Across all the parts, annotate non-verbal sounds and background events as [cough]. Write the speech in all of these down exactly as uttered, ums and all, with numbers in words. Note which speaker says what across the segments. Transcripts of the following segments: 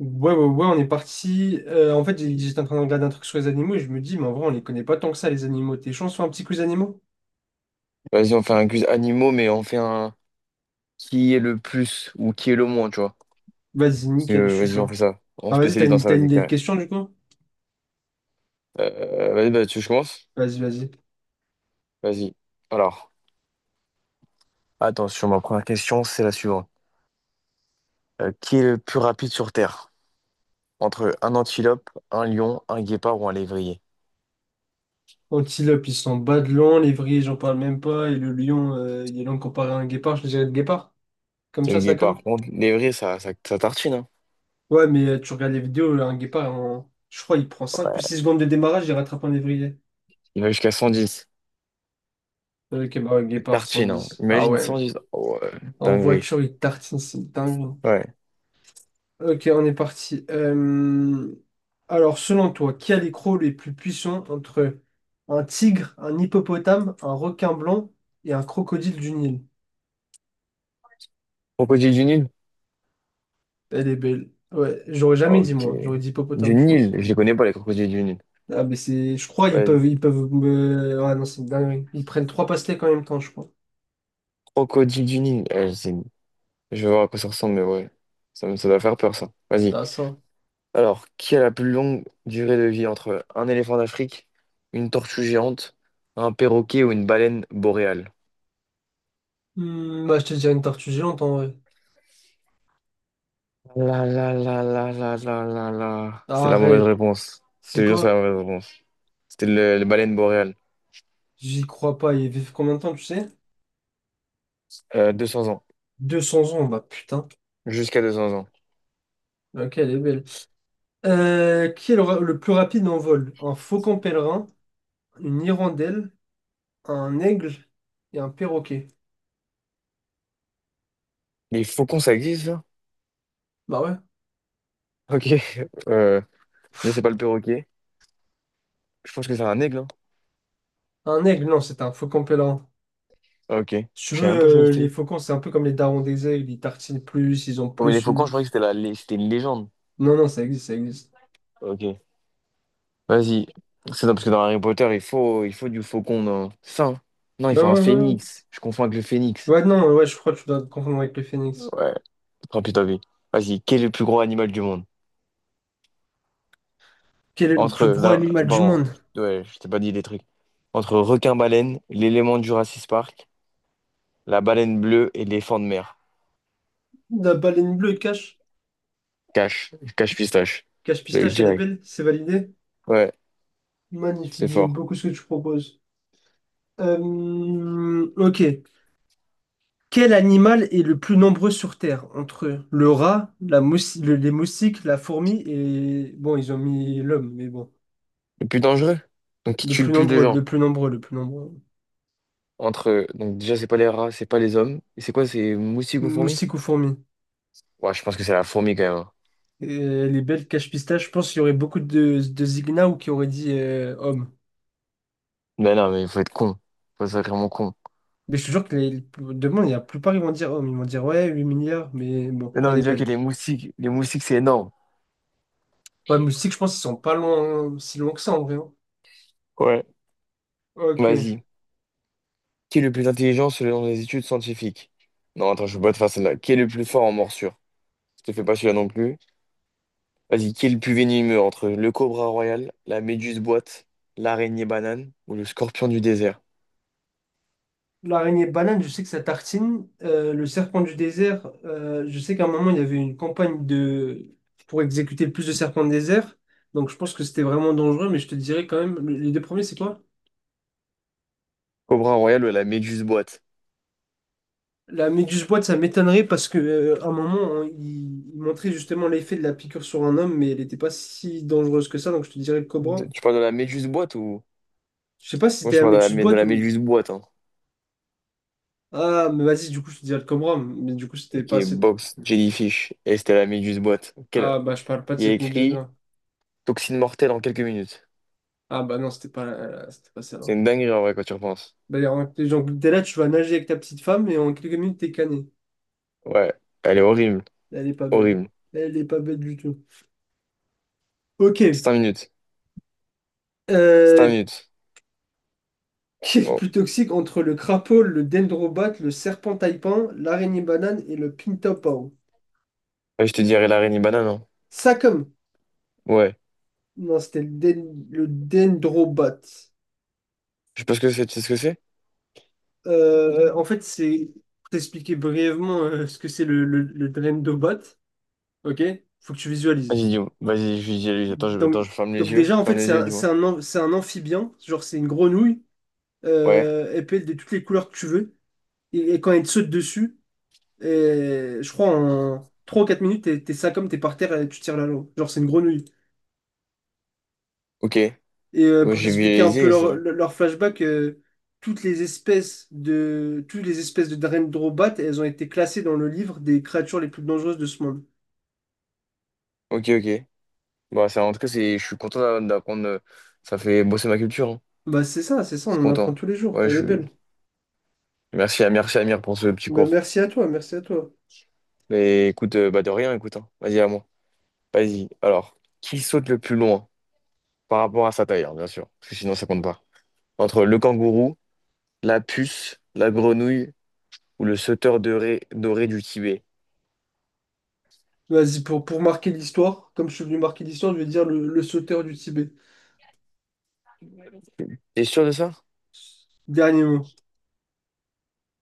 Speaker 1: Ouais, ouais, ouais, on est parti. Euh, en fait, j'ai- j'étais en train de regarder un truc sur les animaux et je me dis, mais en vrai, on les connaît pas tant que ça, les animaux. T'es chaud, on se fait un petit quiz animaux?
Speaker 2: Vas-y, on fait un quiz animaux, mais on fait un qui est le plus ou qui est le moins, tu vois.
Speaker 1: Vas-y,
Speaker 2: Parce
Speaker 1: nickel, je
Speaker 2: que
Speaker 1: suis
Speaker 2: vas-y, on
Speaker 1: chaud.
Speaker 2: fait ça. On
Speaker 1: Ah, vas-y, t'as
Speaker 2: spécialise dans
Speaker 1: une,
Speaker 2: ça,
Speaker 1: t'as une
Speaker 2: vas-y,
Speaker 1: idée de
Speaker 2: carré.
Speaker 1: question du coup?
Speaker 2: Euh, vas-y, bah, tu commences.
Speaker 1: Vas-y, vas-y.
Speaker 2: Vas-y. Alors, attends, sur ma première question, c'est la suivante. Euh, qui est le plus rapide sur Terre? Entre un antilope, un lion, un guépard ou un lévrier?
Speaker 1: Antilope, ils sont bas de long, l'évrier, j'en parle même pas, et le lion, euh, il est long comparé à un guépard, je dirais le guépard. Comme
Speaker 2: C'est le
Speaker 1: ça, ça
Speaker 2: guépard.
Speaker 1: comme?
Speaker 2: Bon, lévrier, ça, ça, ça tartine, hein.
Speaker 1: Ouais, mais euh, tu regardes les vidéos, un guépard, en- je crois, il prend cinq ou
Speaker 2: Ouais.
Speaker 1: six secondes de démarrage, il rattrape un évrier.
Speaker 2: Il va jusqu'à cent dix.
Speaker 1: Ok, bah ouais,
Speaker 2: Il
Speaker 1: guépard,
Speaker 2: tartine, hein.
Speaker 1: cent dix. Ah
Speaker 2: Imagine
Speaker 1: ouais,
Speaker 2: cent dix. Oh, ouais.
Speaker 1: en
Speaker 2: Dinguerie.
Speaker 1: voiture, il tartine, c'est dingue.
Speaker 2: Ouais.
Speaker 1: Ok, on est parti. Euh, Alors, selon toi, qui a les crocs les plus puissants entre un tigre, un hippopotame, un requin blanc et un crocodile du Nil?
Speaker 2: Crocodile du Nil?
Speaker 1: Elle est belle. Ouais, j'aurais jamais dit
Speaker 2: Ok.
Speaker 1: moi. J'aurais dit
Speaker 2: Du
Speaker 1: hippopotame, je
Speaker 2: Nil,
Speaker 1: pense.
Speaker 2: je les connais pas, les crocodiles du Nil.
Speaker 1: Ah, mais c'est. Je crois ils
Speaker 2: Ouais,
Speaker 1: peuvent. Ils peuvent me. Ah non, c'est une dinguerie. Ils prennent trois pastèques en même temps, je crois.
Speaker 2: crocodile du Nil. Ouais, c'est- je vais voir à quoi ça ressemble, mais ouais. Ça, me- ça doit faire peur, ça. Vas-y.
Speaker 1: Ah, ça.
Speaker 2: Alors, qui a la plus longue durée de vie entre un éléphant d'Afrique, une tortue géante, un perroquet ou une baleine boréale?
Speaker 1: Hmm, bah, je te dirais une tortue géante en vrai.
Speaker 2: La la la la la la la la. C'est la mauvaise
Speaker 1: Arrête.
Speaker 2: réponse. Je
Speaker 1: C'est
Speaker 2: te jure, c'est la
Speaker 1: quoi?
Speaker 2: mauvaise réponse. C'était le, les baleine boréale.
Speaker 1: J'y crois pas. Ils vivent combien de temps, tu sais?
Speaker 2: Euh, deux cents ans.
Speaker 1: Deux cents ans, bah putain.
Speaker 2: Jusqu'à deux cents ans.
Speaker 1: Ok, elle est belle. Euh, qui est le, ra- le plus rapide en vol? Un faucon pèlerin, une hirondelle, un aigle et un perroquet.
Speaker 2: Les faucons, ça existe, ça?
Speaker 1: Bah ouais.
Speaker 2: Ok. [laughs] Euh, je sais pas, le perroquet. Je pense que c'est un aigle, hein.
Speaker 1: Un aigle, non, c'est un faucon pèlerin.
Speaker 2: Ok.
Speaker 1: Si tu
Speaker 2: Je savais même pas que ça
Speaker 1: veux, euh, les
Speaker 2: existait.
Speaker 1: faucons, c'est un peu comme les darons des aigles, ils tartinent plus, ils ont
Speaker 2: Oh, mais les
Speaker 1: plus
Speaker 2: faucons, je
Speaker 1: une...
Speaker 2: croyais que c'était la... lé- c'était une légende.
Speaker 1: Non, non, ça existe, ça existe.
Speaker 2: Ok. Vas-y. C'est ça, parce que dans Harry Potter, il faut, il faut du faucon. Non. C'est ça, hein. Non, il
Speaker 1: Ouais,
Speaker 2: faut un
Speaker 1: ouais, ouais. Ouais,
Speaker 2: phénix. Je confonds avec le phénix.
Speaker 1: ouais, non, ouais, je crois que tu dois te confondre avec le phénix.
Speaker 2: Ouais. Tant pis, tant pis. Vas-y, quel est le plus gros animal du monde?
Speaker 1: Quel est le
Speaker 2: Entre,
Speaker 1: plus gros
Speaker 2: là,
Speaker 1: animal du
Speaker 2: pardon,
Speaker 1: monde?
Speaker 2: ouais, je t'ai pas dit des trucs. Entre requin-baleine, l'élément du Jurassic Park, la baleine bleue et l'éléphant de mer.
Speaker 1: La baleine bleue, cache.
Speaker 2: Cache, cache pistache.
Speaker 1: Cache
Speaker 2: Je l'ai eu
Speaker 1: pistache, elle est
Speaker 2: direct.
Speaker 1: belle, c'est validé.
Speaker 2: Ouais,
Speaker 1: Magnifique,
Speaker 2: c'est
Speaker 1: j'aime
Speaker 2: fort.
Speaker 1: beaucoup ce que tu proposes. Euh, ok. Quel animal est le plus nombreux sur Terre? Entre le rat, la moussi- le- les moustiques, la fourmi et... Bon, ils ont mis l'homme, mais bon.
Speaker 2: Le plus dangereux? Donc, qui
Speaker 1: Le
Speaker 2: tue
Speaker 1: plus
Speaker 2: le plus de
Speaker 1: nombreux, le
Speaker 2: gens?
Speaker 1: plus nombreux, le plus nombreux.
Speaker 2: Entre, donc déjà, c'est pas les rats, c'est pas les hommes. Et c'est quoi, c'est moustique ou fourmi?
Speaker 1: Moustique ou fourmi?
Speaker 2: Ouais, je pense que c'est la fourmi quand même, hein.
Speaker 1: Et les belles cache-pistaches, je pense qu'il y aurait beaucoup de, de zignats ou qui auraient dit euh, homme.
Speaker 2: Mais non, mais il faut être con. Faut être sacrément con.
Speaker 1: Mais je te jure que les, demain, il y a la plupart, ils vont dire homme. Ils vont dire, ouais, huit milliards, mais bon,
Speaker 2: Mais
Speaker 1: elle
Speaker 2: non,
Speaker 1: est
Speaker 2: déjà que
Speaker 1: belle.
Speaker 2: les moustiques, les moustiques, c'est énorme.
Speaker 1: Ouais, moustique, je pense qu'ils sont pas loin, si loin que ça, en vrai. Hein.
Speaker 2: Ouais.
Speaker 1: Ok.
Speaker 2: Vas-y. Qui est le plus intelligent selon les études scientifiques? Non, attends, je peux pas te faire celle-là. Qui est le plus fort en morsure? Je te fais pas celui-là non plus. Vas-y, qui est le plus venimeux entre le cobra royal, la méduse boîte, l'araignée banane ou le scorpion du désert?
Speaker 1: L'araignée banane, je sais que ça tartine. Euh, le serpent du désert, euh, je sais qu'à un moment, il y avait une campagne de... pour exécuter le plus de serpents de désert. Donc je pense que c'était vraiment dangereux, mais je te dirais quand même, le- les deux premiers, c'est quoi?
Speaker 2: Cobra royal ou la méduse boîte?
Speaker 1: La méduse boîte, ça m'étonnerait parce que euh, à un moment, on- il, il montrait justement l'effet de la piqûre sur un homme, mais elle n'était pas si dangereuse que ça, donc je te dirais le
Speaker 2: De-
Speaker 1: cobra.
Speaker 2: Tu parles de la méduse boîte ou...
Speaker 1: Je sais pas si
Speaker 2: Parce que moi,
Speaker 1: c'était
Speaker 2: je
Speaker 1: la
Speaker 2: parle de la,
Speaker 1: méduse
Speaker 2: mé- de
Speaker 1: boîte
Speaker 2: la
Speaker 1: ou...
Speaker 2: méduse boîte, hein.
Speaker 1: Ah, mais vas-y, du coup, je te dirais le cobra, mais du coup, c'était
Speaker 2: Et qui
Speaker 1: pas
Speaker 2: est
Speaker 1: cette...
Speaker 2: Box Jellyfish. Et c'était la méduse boîte. Quel-
Speaker 1: Ah, bah, je parle pas de
Speaker 2: Il y a
Speaker 1: cette
Speaker 2: écrit
Speaker 1: méduse-là.
Speaker 2: toxine mortelle en quelques minutes.
Speaker 1: Ah, bah non, c'était pas, la- c'était pas ça.
Speaker 2: C'est une dinguerie en vrai quand tu repenses.
Speaker 1: Bah en- genre, t'es là, tu vas nager avec ta petite femme et en quelques minutes, t'es cané.
Speaker 2: Ouais, elle est horrible.
Speaker 1: Elle est pas belle.
Speaker 2: Horrible.
Speaker 1: Elle est pas belle du tout. Ok.
Speaker 2: Cinq minutes. Cinq
Speaker 1: Euh,
Speaker 2: minutes.
Speaker 1: [laughs] qui est le
Speaker 2: Bon.
Speaker 1: plus toxique entre le crapaud, le dendrobat, le serpent taipan, l'araignée banane et le pintopao?
Speaker 2: Et je te dirai la reine banane, hein.
Speaker 1: Ça comme.
Speaker 2: Ouais.
Speaker 1: Non, c'était le, den- le dendrobat.
Speaker 2: Je sais pas ce que c'est. Tu sais ce que c'est?
Speaker 1: Euh, en fait, c'est Pour t'expliquer brièvement euh, ce que c'est le, le, le dendrobat. Ok? Faut que tu visualises.
Speaker 2: Vas-y, dis-moi. Vas-y, je dis à lui. Attends, je,
Speaker 1: Donc,
Speaker 2: attends, je ferme les
Speaker 1: donc
Speaker 2: yeux.
Speaker 1: déjà, en
Speaker 2: Ferme
Speaker 1: fait,
Speaker 2: les
Speaker 1: c'est
Speaker 2: yeux,
Speaker 1: un, c'est
Speaker 2: dis-moi.
Speaker 1: un am- c'est un amphibien. Genre, c'est une grenouille
Speaker 2: Ouais.
Speaker 1: euh, elle peut être de toutes les couleurs que tu veux. Et, et quand elle te saute dessus, et, je crois en trois ou quatre minutes, t'es t'es ça comme t'es par terre et tu tires la langue. Genre, c'est une grenouille.
Speaker 2: Ok. Ouais,
Speaker 1: Et euh, pour
Speaker 2: j'ai
Speaker 1: t'expliquer un peu
Speaker 2: visualisé ça.
Speaker 1: leur, leur flashback, euh, toutes les espèces de toutes les espèces de Dendrobat, elles ont été classées dans le livre des créatures les plus dangereuses de ce monde.
Speaker 2: Ok, ok. Bah ça, en tout cas, c'est, je suis content d'a- d'apprendre. euh, Ça fait bosser ma culture, hein.
Speaker 1: Bah c'est ça, c'est ça, on
Speaker 2: Je suis
Speaker 1: en apprend
Speaker 2: content.
Speaker 1: tous les jours.
Speaker 2: Ouais,
Speaker 1: Elle est
Speaker 2: je suis.
Speaker 1: belle.
Speaker 2: Merci à merci Amir pour ce petit
Speaker 1: Bah,
Speaker 2: cours.
Speaker 1: merci à toi, merci à toi.
Speaker 2: Mais écoute, euh, bah de rien, écoute, hein. Vas-y, à moi. Vas-y. Alors, qui saute le plus loin par rapport à sa taille, hein, bien sûr, parce que sinon ça compte pas. Entre le kangourou, la puce, la grenouille ou le sauteur doré, doré du Tibet.
Speaker 1: Vas-y, pour, pour marquer l'histoire, comme je suis venu marquer l'histoire, je vais dire le, le sauteur du Tibet.
Speaker 2: T'es sûr de ça?
Speaker 1: Dernier mot.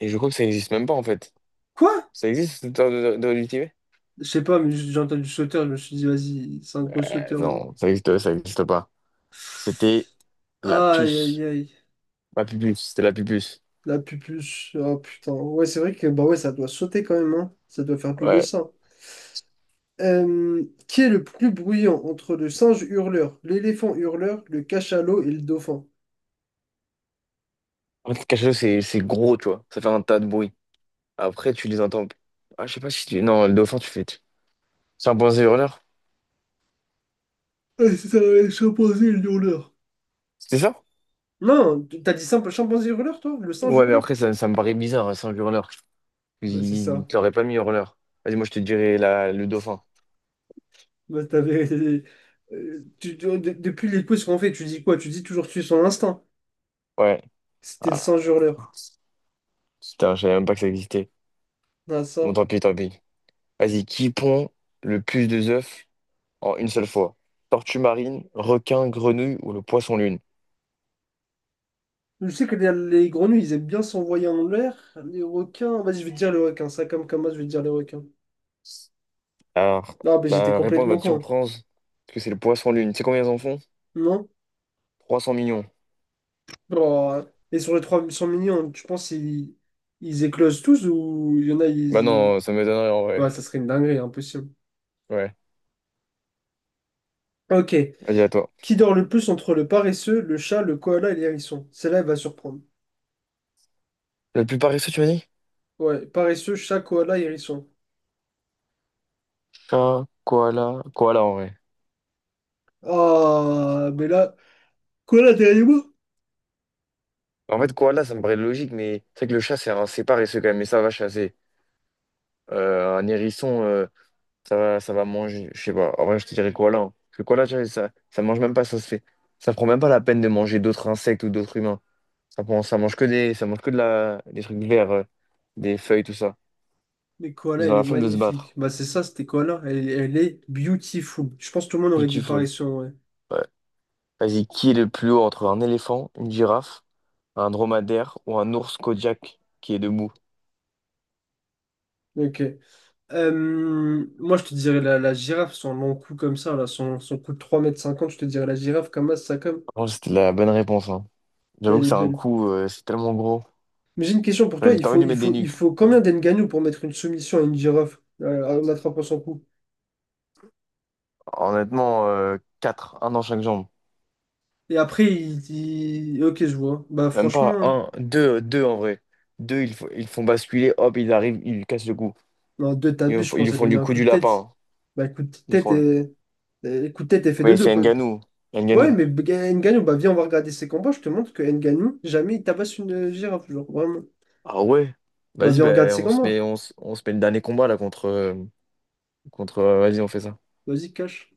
Speaker 2: Et je crois que ça n'existe même pas en fait.
Speaker 1: Quoi?
Speaker 2: Ça existe, le sauteur doré doré du Tibet?
Speaker 1: Je sais pas, mais j'ai entendu sauteur, je me suis dit, vas-y, c'est un gros
Speaker 2: Euh,
Speaker 1: sauteur. Lui.
Speaker 2: non, ça existe, ça existe pas. C'était la
Speaker 1: Aïe, aïe,
Speaker 2: puce.
Speaker 1: aïe.
Speaker 2: La pupuce, c'était la pupuce.
Speaker 1: La pupuche. Oh putain. Ouais, c'est vrai que bah ouais, ça doit sauter quand même, hein. Ça doit faire plus le
Speaker 2: Ouais.
Speaker 1: sang. Euh, qui est le plus bruyant entre le singe hurleur, l'éléphant hurleur, le cachalot et le dauphin?
Speaker 2: En fait, quelque chose, c'est c'est gros, tu vois. Ça fait un tas de bruit. Après, tu les entends. Ah, je sais pas si tu. Non, le dauphin, tu fais. C'est un point hurleur.
Speaker 1: Ah, c'est ça, le chimpanzé et le hurleur.
Speaker 2: C'était ça?
Speaker 1: Non, t'as dit simple chimpanzé hurleur, toi? Le singe
Speaker 2: Ouais, mais
Speaker 1: hurleur?
Speaker 2: après, ça, ça me paraît bizarre, un singe hurleur.
Speaker 1: Bah c'est
Speaker 2: Il
Speaker 1: ça.
Speaker 2: te l'aurait pas mis hurleur. Vas-y, moi, je te dirais la, le dauphin.
Speaker 1: Bah t'avais. [laughs] euh, tu- tu- de- depuis les quiz qu'on fait, tu dis quoi? Tu dis toujours tuer son instinct.
Speaker 2: Ouais.
Speaker 1: C'était le singe
Speaker 2: Ah,
Speaker 1: hurleur.
Speaker 2: putain, je savais même pas que ça existait.
Speaker 1: Ah, ça.
Speaker 2: Bon, tant pis, tant pis. Vas-y, qui pond le plus de œufs en une seule fois? Tortue marine, requin, grenouille ou le poisson lune?
Speaker 1: Je sais que les, les grenouilles, ils aiment bien s'envoyer en l'air. Les requins. Vas-y, je vais te dire les requins. Ça, comme comme moi, je vais te dire les requins.
Speaker 2: Alors,
Speaker 1: Non, mais j'étais
Speaker 2: la réponse va
Speaker 1: complètement
Speaker 2: te
Speaker 1: con.
Speaker 2: surprendre, parce que c'est le poisson lune. Tu sais combien ils en font?
Speaker 1: Non?
Speaker 2: trois cents millions.
Speaker 1: Oh. Et sur les trois cents millions, tu penses ils, ils éclosent tous ou il y en a,
Speaker 2: Bah
Speaker 1: ils... ils-
Speaker 2: non, ça me donnerait en vrai.
Speaker 1: Ouais, ça serait une dinguerie, impossible.
Speaker 2: Ouais,
Speaker 1: Ok.
Speaker 2: vas-y, à toi.
Speaker 1: Qui dort le plus entre le paresseux, le chat, le koala et l'hérisson? Celle-là, elle va surprendre.
Speaker 2: Le plus paresseux, tu m'as dit?
Speaker 1: Ouais, paresseux, chat, koala, hérisson.
Speaker 2: Chat, koala, koala en vrai.
Speaker 1: Ah, mais là, koala derrière moi?
Speaker 2: En fait, koala, ça me paraît logique, mais c'est vrai que le chat, c'est un c'est paresseux quand même, mais ça va chasser. Euh, un hérisson, euh, ça va, ça va manger. Je sais pas. En vrai, je te dirais koala, hein. Parce que koala, tu vois, ça, ça mange même pas, ça se fait. Ça prend même pas la peine de manger d'autres insectes ou d'autres humains. Ça prend, ça mange que des, ça mange que de la, des trucs verts, euh, des feuilles, tout ça.
Speaker 1: Mais Koala,
Speaker 2: Ils ont
Speaker 1: elle
Speaker 2: la
Speaker 1: est
Speaker 2: flemme de se
Speaker 1: magnifique.
Speaker 2: battre.
Speaker 1: Bah, c'est ça, c'était Koala. Elle, elle est beautiful. Je pense que tout le monde aurait dit pareil
Speaker 2: Beautiful.
Speaker 1: sur ouais.
Speaker 2: Ouais. Vas-y, qui est le plus haut entre un éléphant, une girafe, un dromadaire ou un ours Kodiak qui est debout?
Speaker 1: Ok. Euh, moi, je te dirais la, la girafe, son long cou comme ça, là, son, son cou de trois mètres cinquante, je te dirais la girafe comme ça, comme.
Speaker 2: Franchement, c'était la bonne réponse, hein. J'avoue
Speaker 1: Elle
Speaker 2: que
Speaker 1: est
Speaker 2: c'est un
Speaker 1: belle.
Speaker 2: coup, euh, c'est tellement gros.
Speaker 1: Mais j'ai une question pour toi.
Speaker 2: T'as
Speaker 1: Il
Speaker 2: t'as envie
Speaker 1: faut,
Speaker 2: de lui
Speaker 1: il
Speaker 2: mettre des
Speaker 1: faut, il
Speaker 2: nuques.
Speaker 1: faut combien d'engagnou pour mettre une soumission à une girafe euh, en attrapant son cou?
Speaker 2: Honnêtement, euh, quatre, un dans chaque jambe.
Speaker 1: Et après, il dit. Ok, je vois. Bah,
Speaker 2: Même pas
Speaker 1: franchement, hein.
Speaker 2: un, deux, deux en vrai. Deux, ils, fo- ils font basculer, hop, ils arrivent, ils lui cassent le cou.
Speaker 1: Non, deux
Speaker 2: Ils,
Speaker 1: tabus,
Speaker 2: lui
Speaker 1: je
Speaker 2: font ils
Speaker 1: pense,
Speaker 2: lui
Speaker 1: elle
Speaker 2: font
Speaker 1: lui met
Speaker 2: du
Speaker 1: un
Speaker 2: coup
Speaker 1: coup
Speaker 2: du
Speaker 1: de tête.
Speaker 2: lapin.
Speaker 1: Bah, coup de
Speaker 2: Ils
Speaker 1: tête
Speaker 2: font...
Speaker 1: et. Euh, Coup de tête est fait deux
Speaker 2: Mais
Speaker 1: deux.
Speaker 2: c'est Ngannou.
Speaker 1: Ouais,
Speaker 2: Ngannou.
Speaker 1: mais Ga- Ngannou, bah viens, on va regarder ses combats. Je te montre que Ngannou, jamais il tabasse une euh, girafe, genre vraiment.
Speaker 2: Ah ouais?
Speaker 1: Bah
Speaker 2: Vas-y,
Speaker 1: viens, regarde
Speaker 2: ben,
Speaker 1: ses
Speaker 2: on se
Speaker 1: combats.
Speaker 2: met, on, se on se met le dernier combat là contre... euh, contre euh, vas-y, on fait ça.
Speaker 1: Vas-y, cache.